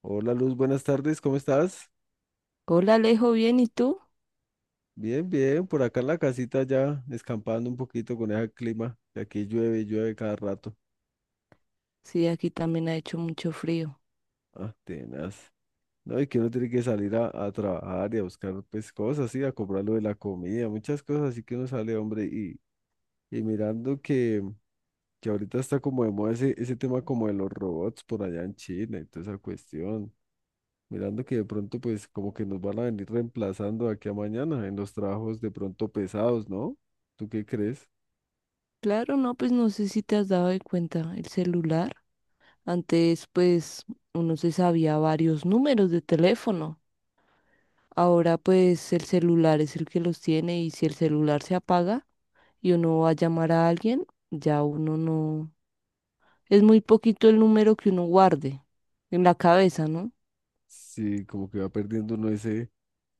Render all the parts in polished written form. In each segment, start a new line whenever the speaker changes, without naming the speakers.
Hola Luz, buenas tardes, ¿cómo estás?
Hola Alejo, bien, ¿y tú?
Bien, bien, por acá en la casita ya, escampando un poquito con ese clima, que aquí llueve y llueve cada rato.
Sí, aquí también ha hecho mucho frío.
Ah, tenaz. No, y que uno tiene que salir a trabajar y a buscar pues cosas, sí, a comprar lo de la comida, muchas cosas, así que uno sale, hombre, y mirando que ahorita está como de moda ese tema como de los robots por allá en China y toda esa cuestión. Mirando que de pronto pues como que nos van a venir reemplazando de aquí a mañana en los trabajos de pronto pesados, ¿no? ¿Tú qué crees?
Claro, no, pues no sé si te has dado de cuenta el celular. Antes, pues, uno se sabía varios números de teléfono. Ahora, pues, el celular es el que los tiene y si el celular se apaga y uno va a llamar a alguien, ya uno no... Es muy poquito el número que uno guarde en la cabeza, ¿no?
Sí, como que va perdiendo uno ese,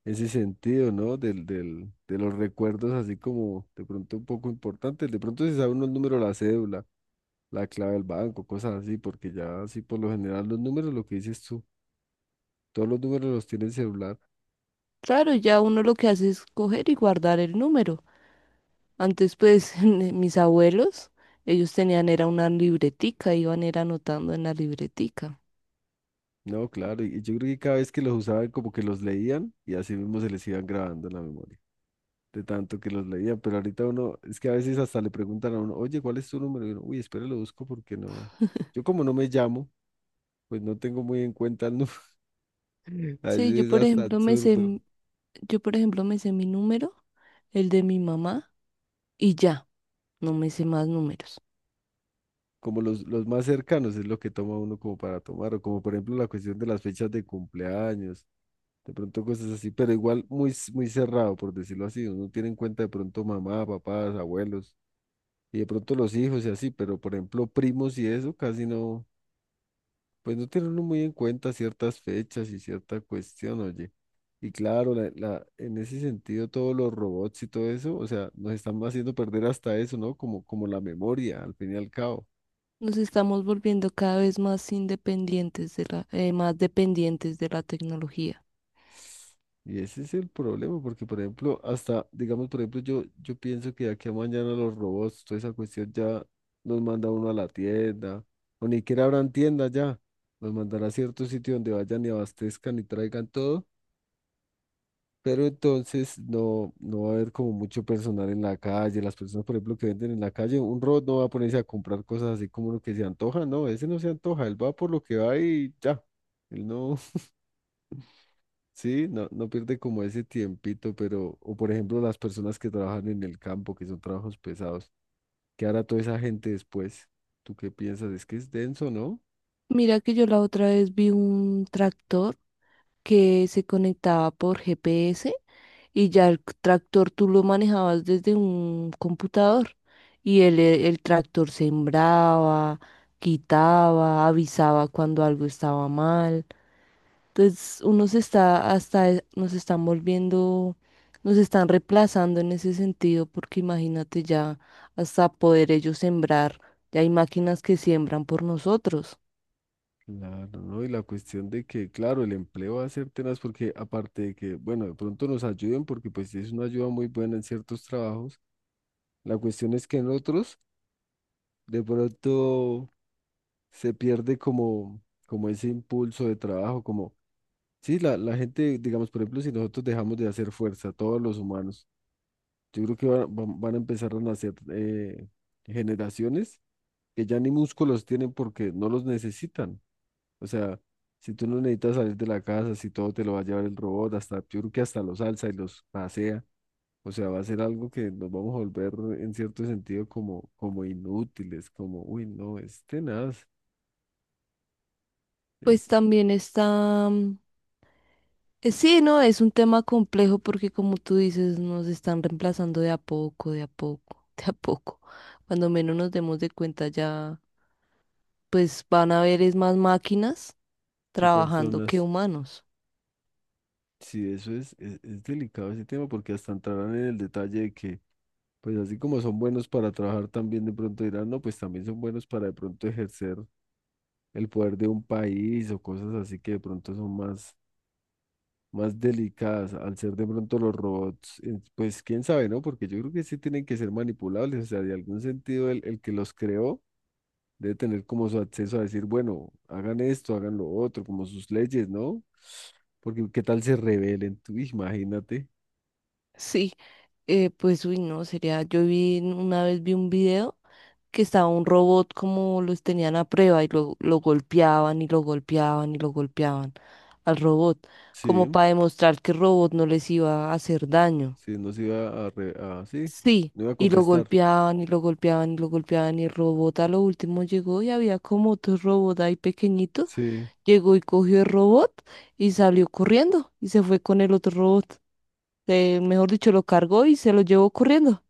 ese sentido, ¿no? De los recuerdos así como de pronto un poco importantes. De pronto se sabe uno el número de la cédula, la clave del banco, cosas así, porque ya así por lo general los números, lo que dices tú, todos los números los tiene el celular.
Claro, ya uno lo que hace es coger y guardar el número. Antes, pues, mis abuelos, ellos tenían, era una libretica, iban era anotando en la libretica.
No, claro, y yo creo que cada vez que los usaban como que los leían y así mismo se les iban grabando en la memoria, de tanto que los leían. Pero ahorita uno, es que a veces hasta le preguntan a uno, oye, ¿cuál es tu número? Y uno, uy, espera, lo busco porque no. Yo como no me llamo, pues no tengo muy en cuenta el número.
Sí,
Así es hasta absurdo.
yo por ejemplo me sé mi número, el de mi mamá, y ya, no me sé más números.
Como los más cercanos es lo que toma uno como para tomar, o como por ejemplo la cuestión de las fechas de cumpleaños, de pronto cosas así, pero igual muy, muy cerrado, por decirlo así. Uno tiene en cuenta de pronto mamá, papás, abuelos, y de pronto los hijos y así, pero por ejemplo primos y eso casi no. Pues no tienen uno muy en cuenta ciertas fechas y cierta cuestión, oye. Y claro, en ese sentido, todos los robots y todo eso, o sea, nos están haciendo perder hasta eso, ¿no? Como la memoria, al fin y al cabo.
Nos estamos volviendo cada vez más independientes de más dependientes de la tecnología.
Y ese es el problema, porque, por ejemplo, hasta, digamos, por ejemplo, yo pienso que de aquí a mañana los robots, toda esa cuestión ya nos manda uno a la tienda, o ni siquiera habrán tienda ya, nos mandará a cierto sitio donde vayan y abastezcan y traigan todo. Pero entonces no, no va a haber como mucho personal en la calle. Las personas, por ejemplo, que venden en la calle, un robot no va a ponerse a comprar cosas así como lo que se antoja. No, ese no se antoja. Él va por lo que va y ya. Él no, sí, no, no pierde como ese tiempito, pero, o por ejemplo, las personas que trabajan en el campo, que son trabajos pesados. ¿Qué hará toda esa gente después? ¿Tú qué piensas? Es que es denso, ¿no?
Mira que yo la otra vez vi un tractor que se conectaba por GPS y ya el tractor tú lo manejabas desde un computador y el tractor sembraba, quitaba, avisaba cuando algo estaba mal. Entonces uno se está hasta e- nos están volviendo, nos están reemplazando en ese sentido porque imagínate ya hasta poder ellos sembrar, ya hay máquinas que siembran por nosotros.
Claro, ¿no? Y la cuestión de que, claro, el empleo va a ser tenaz porque aparte de que, bueno, de pronto nos ayuden porque pues es una ayuda muy buena en ciertos trabajos, la cuestión es que en otros de pronto se pierde como, como ese impulso de trabajo, como, sí, la gente, digamos, por ejemplo, si nosotros dejamos de hacer fuerza, todos los humanos, yo creo que van a empezar a nacer generaciones que ya ni músculos tienen porque no los necesitan. O sea, si tú no necesitas salir de la casa, si todo te lo va a llevar el robot, hasta yo creo que hasta los alza y los pasea. O sea, va a ser algo que nos vamos a volver en cierto sentido como, como inútiles, como, uy, no, es tenaz,
Pues
es
también está, sí, no, es un tema complejo porque como tú dices, nos están reemplazando de a poco, de a poco. Cuando menos nos demos de cuenta ya, pues van a haber es más máquinas
qué
trabajando que
personas.
humanos.
Sí, eso es delicado ese tema porque hasta entrarán en el detalle de que, pues así como son buenos para trabajar, también de pronto dirán, no, pues también son buenos para de pronto ejercer el poder de un país o cosas así que de pronto son más delicadas, al ser de pronto los robots, pues quién sabe, ¿no? Porque yo creo que sí tienen que ser manipulables, o sea, de algún sentido el que los creó debe tener como su acceso a decir, bueno, hagan esto, hagan lo otro, como sus leyes, ¿no? Porque qué tal se rebelen, tú imagínate,
Sí, pues uy, no, sería, una vez vi un video que estaba un robot como los tenían a prueba y lo golpeaban y lo golpeaban y lo golpeaban al robot, como
sí,
para demostrar que el robot no les iba a hacer daño.
sí, no se iba a, sí,
Sí,
no iba a
y lo
contestar,
golpeaban y lo golpeaban y lo golpeaban y el robot a lo último llegó y había como otro robot ahí pequeñito,
sí,
llegó y cogió el robot y salió corriendo y se fue con el otro robot. Mejor dicho, lo cargó y se lo llevó corriendo.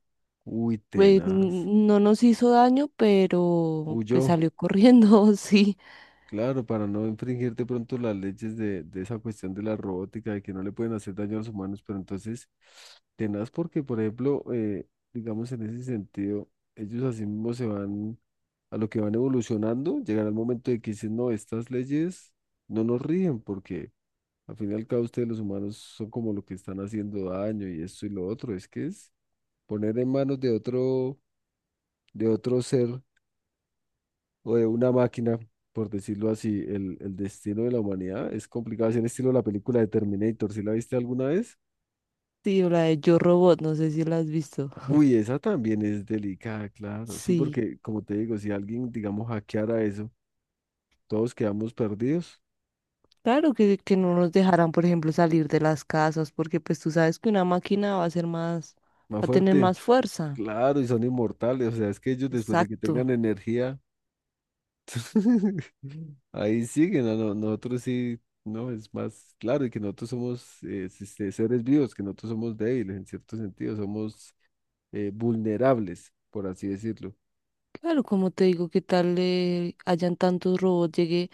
uy,
Pues
tenaz,
no nos hizo daño, pero pues
huyó.
salió corriendo, sí.
Claro, para no infringir de pronto las leyes de esa cuestión de la robótica, de que no le pueden hacer daño a los humanos, pero entonces, tenaz porque, por ejemplo, digamos en ese sentido, ellos así mismo se van a lo que van evolucionando, llegará el momento de que dicen, no, estas leyes no nos rigen porque al fin y al cabo ustedes los humanos son como lo que están haciendo daño y esto y lo otro, es que es poner en manos de otro ser o de una máquina, por decirlo así, el destino de la humanidad es complicado. Así en estilo la película de Terminator, ¿si la viste alguna vez?
Sí, la de Yo Robot, no sé si la has visto.
Uy, esa también es delicada, claro. Sí,
Sí.
porque como te digo, si alguien, digamos, hackeara eso, todos quedamos perdidos.
Claro que no nos dejarán, por ejemplo, salir de las casas, porque pues tú sabes que una máquina va a ser más,
Más
va a tener
fuerte.
más fuerza.
Claro, y son inmortales. O sea, es que ellos después de que
Exacto.
tengan energía, ahí siguen. A no- Nosotros sí, no, es más claro. Y que nosotros somos seres vivos, que nosotros somos débiles en cierto sentido. Somos vulnerables, por así decirlo.
Claro, como te digo, que tal hayan tantos robots, llegue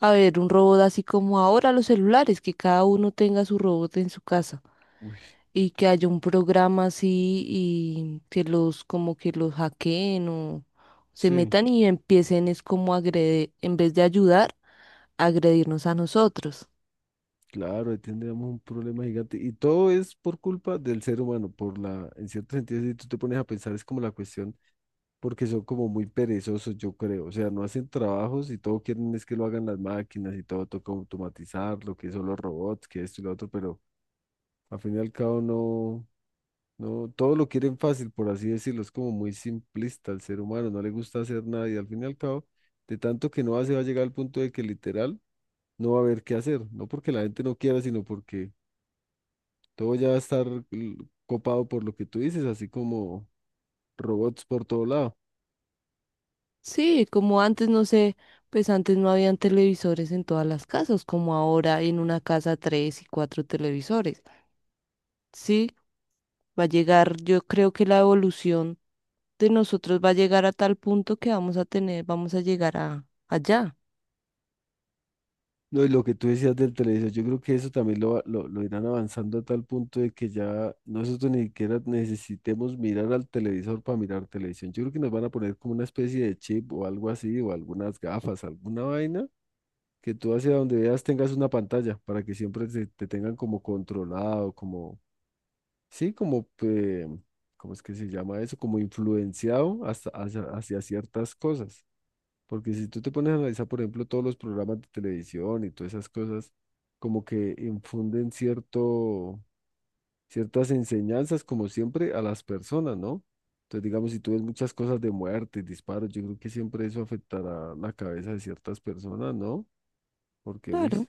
a ver un robot así como ahora los celulares, que cada uno tenga su robot en su casa
Uy,
y que haya un programa así y que los como que los hackeen o se
sí,
metan y empiecen es como a agredir, en vez de ayudar, a agredirnos a nosotros.
claro, ahí tendríamos un problema gigante. Y todo es por culpa del ser humano, por la, en cierto sentido, si tú te pones a pensar, es como la cuestión, porque son como muy perezosos, yo creo. O sea, no hacen trabajos y todo quieren es que lo hagan las máquinas y todo toca automatizarlo, que son los robots, que esto y lo otro, pero al fin y al cabo no. No, todo lo quieren fácil, por así decirlo, es como muy simplista el ser humano, no le gusta hacer nada y al fin y al cabo, de tanto que no hace, va a llegar al punto de que literal no va a haber qué hacer, no porque la gente no quiera, sino porque todo ya va a estar l- copado por lo que tú dices, así como robots por todo lado.
Sí, como antes, no sé, pues antes no habían televisores en todas las casas, como ahora hay en una casa tres y cuatro televisores. Sí, va a llegar, yo creo que la evolución de nosotros va a llegar a tal punto que vamos a tener, vamos a llegar a allá.
No, y lo que tú decías del televisor, yo creo que eso también lo irán avanzando a tal punto de que ya nosotros ni siquiera necesitemos mirar al televisor para mirar televisión. Yo creo que nos van a poner como una especie de chip o algo así, o algunas gafas, alguna vaina, que tú hacia donde veas tengas una pantalla para que siempre te tengan como controlado, como sí, como, ¿cómo es que se llama eso? Como influenciado hasta, hacia ciertas cosas. Porque si tú te pones a analizar, por ejemplo, todos los programas de televisión y todas esas cosas, como que infunden cierto, ciertas enseñanzas, como siempre, a las personas, ¿no? Entonces, digamos, si tú ves muchas cosas de muerte, disparos, yo creo que siempre eso afectará la cabeza de ciertas personas, ¿no? Porque, uy,
Claro,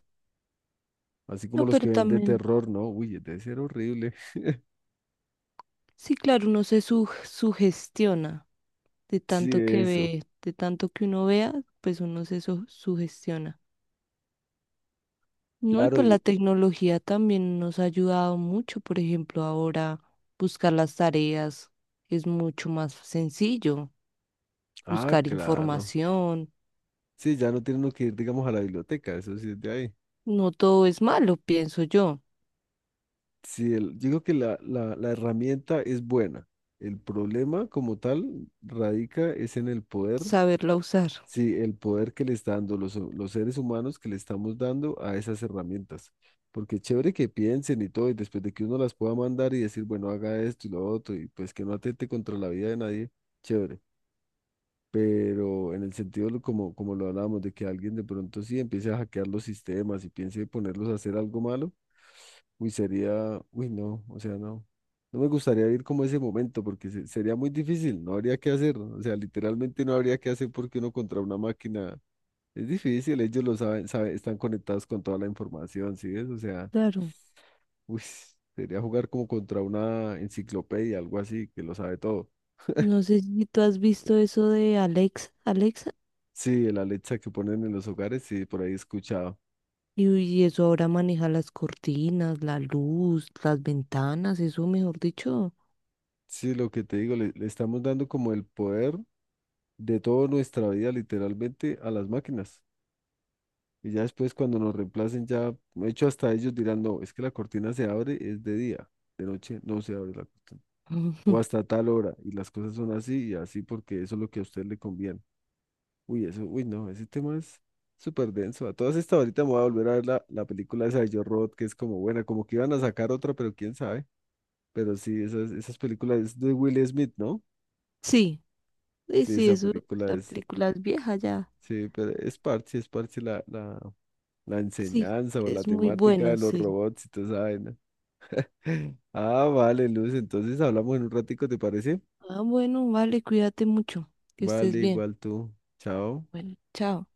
así como
no,
los
pero
que ven de
también,
terror, ¿no? Uy, debe ser horrible.
sí, claro, sugestiona de
Sí,
tanto que
eso.
ve, de tanto que uno vea, pues sugestiona. No, y
Claro,
pues la
y,
tecnología también nos ha ayudado mucho, por ejemplo, ahora buscar las tareas es mucho más sencillo,
ah,
buscar
claro.
información,
Sí, ya no tiene uno que ir, digamos, a la biblioteca, eso sí es de ahí.
no todo es malo, pienso yo,
Sí, yo creo que la herramienta es buena. El problema como tal radica es en el poder,
saberla usar.
sí, el poder que le está dando los seres humanos que le estamos dando a esas herramientas. Porque chévere que piensen y todo, y después de que uno las pueda mandar y decir, bueno, haga esto y lo otro, y pues que no atente contra la vida de nadie, chévere. Pero en el sentido como, como lo hablábamos, de que alguien de pronto sí empiece a hackear los sistemas y piense ponerlos a hacer algo malo, uy, sería, uy, no, o sea, no, no me gustaría ir como ese momento porque sería muy difícil, no habría que hacer, o sea, literalmente no habría que hacer porque uno contra una máquina es difícil, ellos lo saben, saben, están conectados con toda la información, ¿sí ves? O sea,
Claro,
uy, sería jugar como contra una enciclopedia, algo así, que lo sabe todo.
no sé si tú has visto eso de Alexa, Alexa,
Sí, el Alexa que ponen en los hogares, sí, por ahí he escuchado.
y eso ahora maneja las cortinas, la luz, las ventanas, eso mejor dicho.
Sí, lo que te digo, le estamos dando como el poder de toda nuestra vida literalmente a las máquinas. Y ya después cuando nos reemplacen, ya, de hecho, hasta ellos dirán, no, es que la cortina se abre, es de día, de noche no se abre la cortina. O hasta tal hora, y las cosas son así y así porque eso es lo que a usted le conviene. Uy, eso, uy, no, ese tema es súper denso. A todas estas ahorita me voy a volver a ver la película esa de Yo Robot, que es como buena, como que iban a sacar otra, pero quién sabe. Pero sí, esas películas es de Will Smith, ¿no?
Sí, sí,
Sí,
sí,
esa
eso,
película
la
es...
película es vieja ya,
Sí, pero es parte la
sí,
enseñanza o la
es muy
temática de
buena,
los
sí.
robots y toda esa vaina. Ah, vale, Luz, entonces hablamos en un ratico, ¿te parece?
Ah, bueno, vale, cuídate mucho, que estés
Vale,
bien.
igual tú. Chao.
Bueno, chao.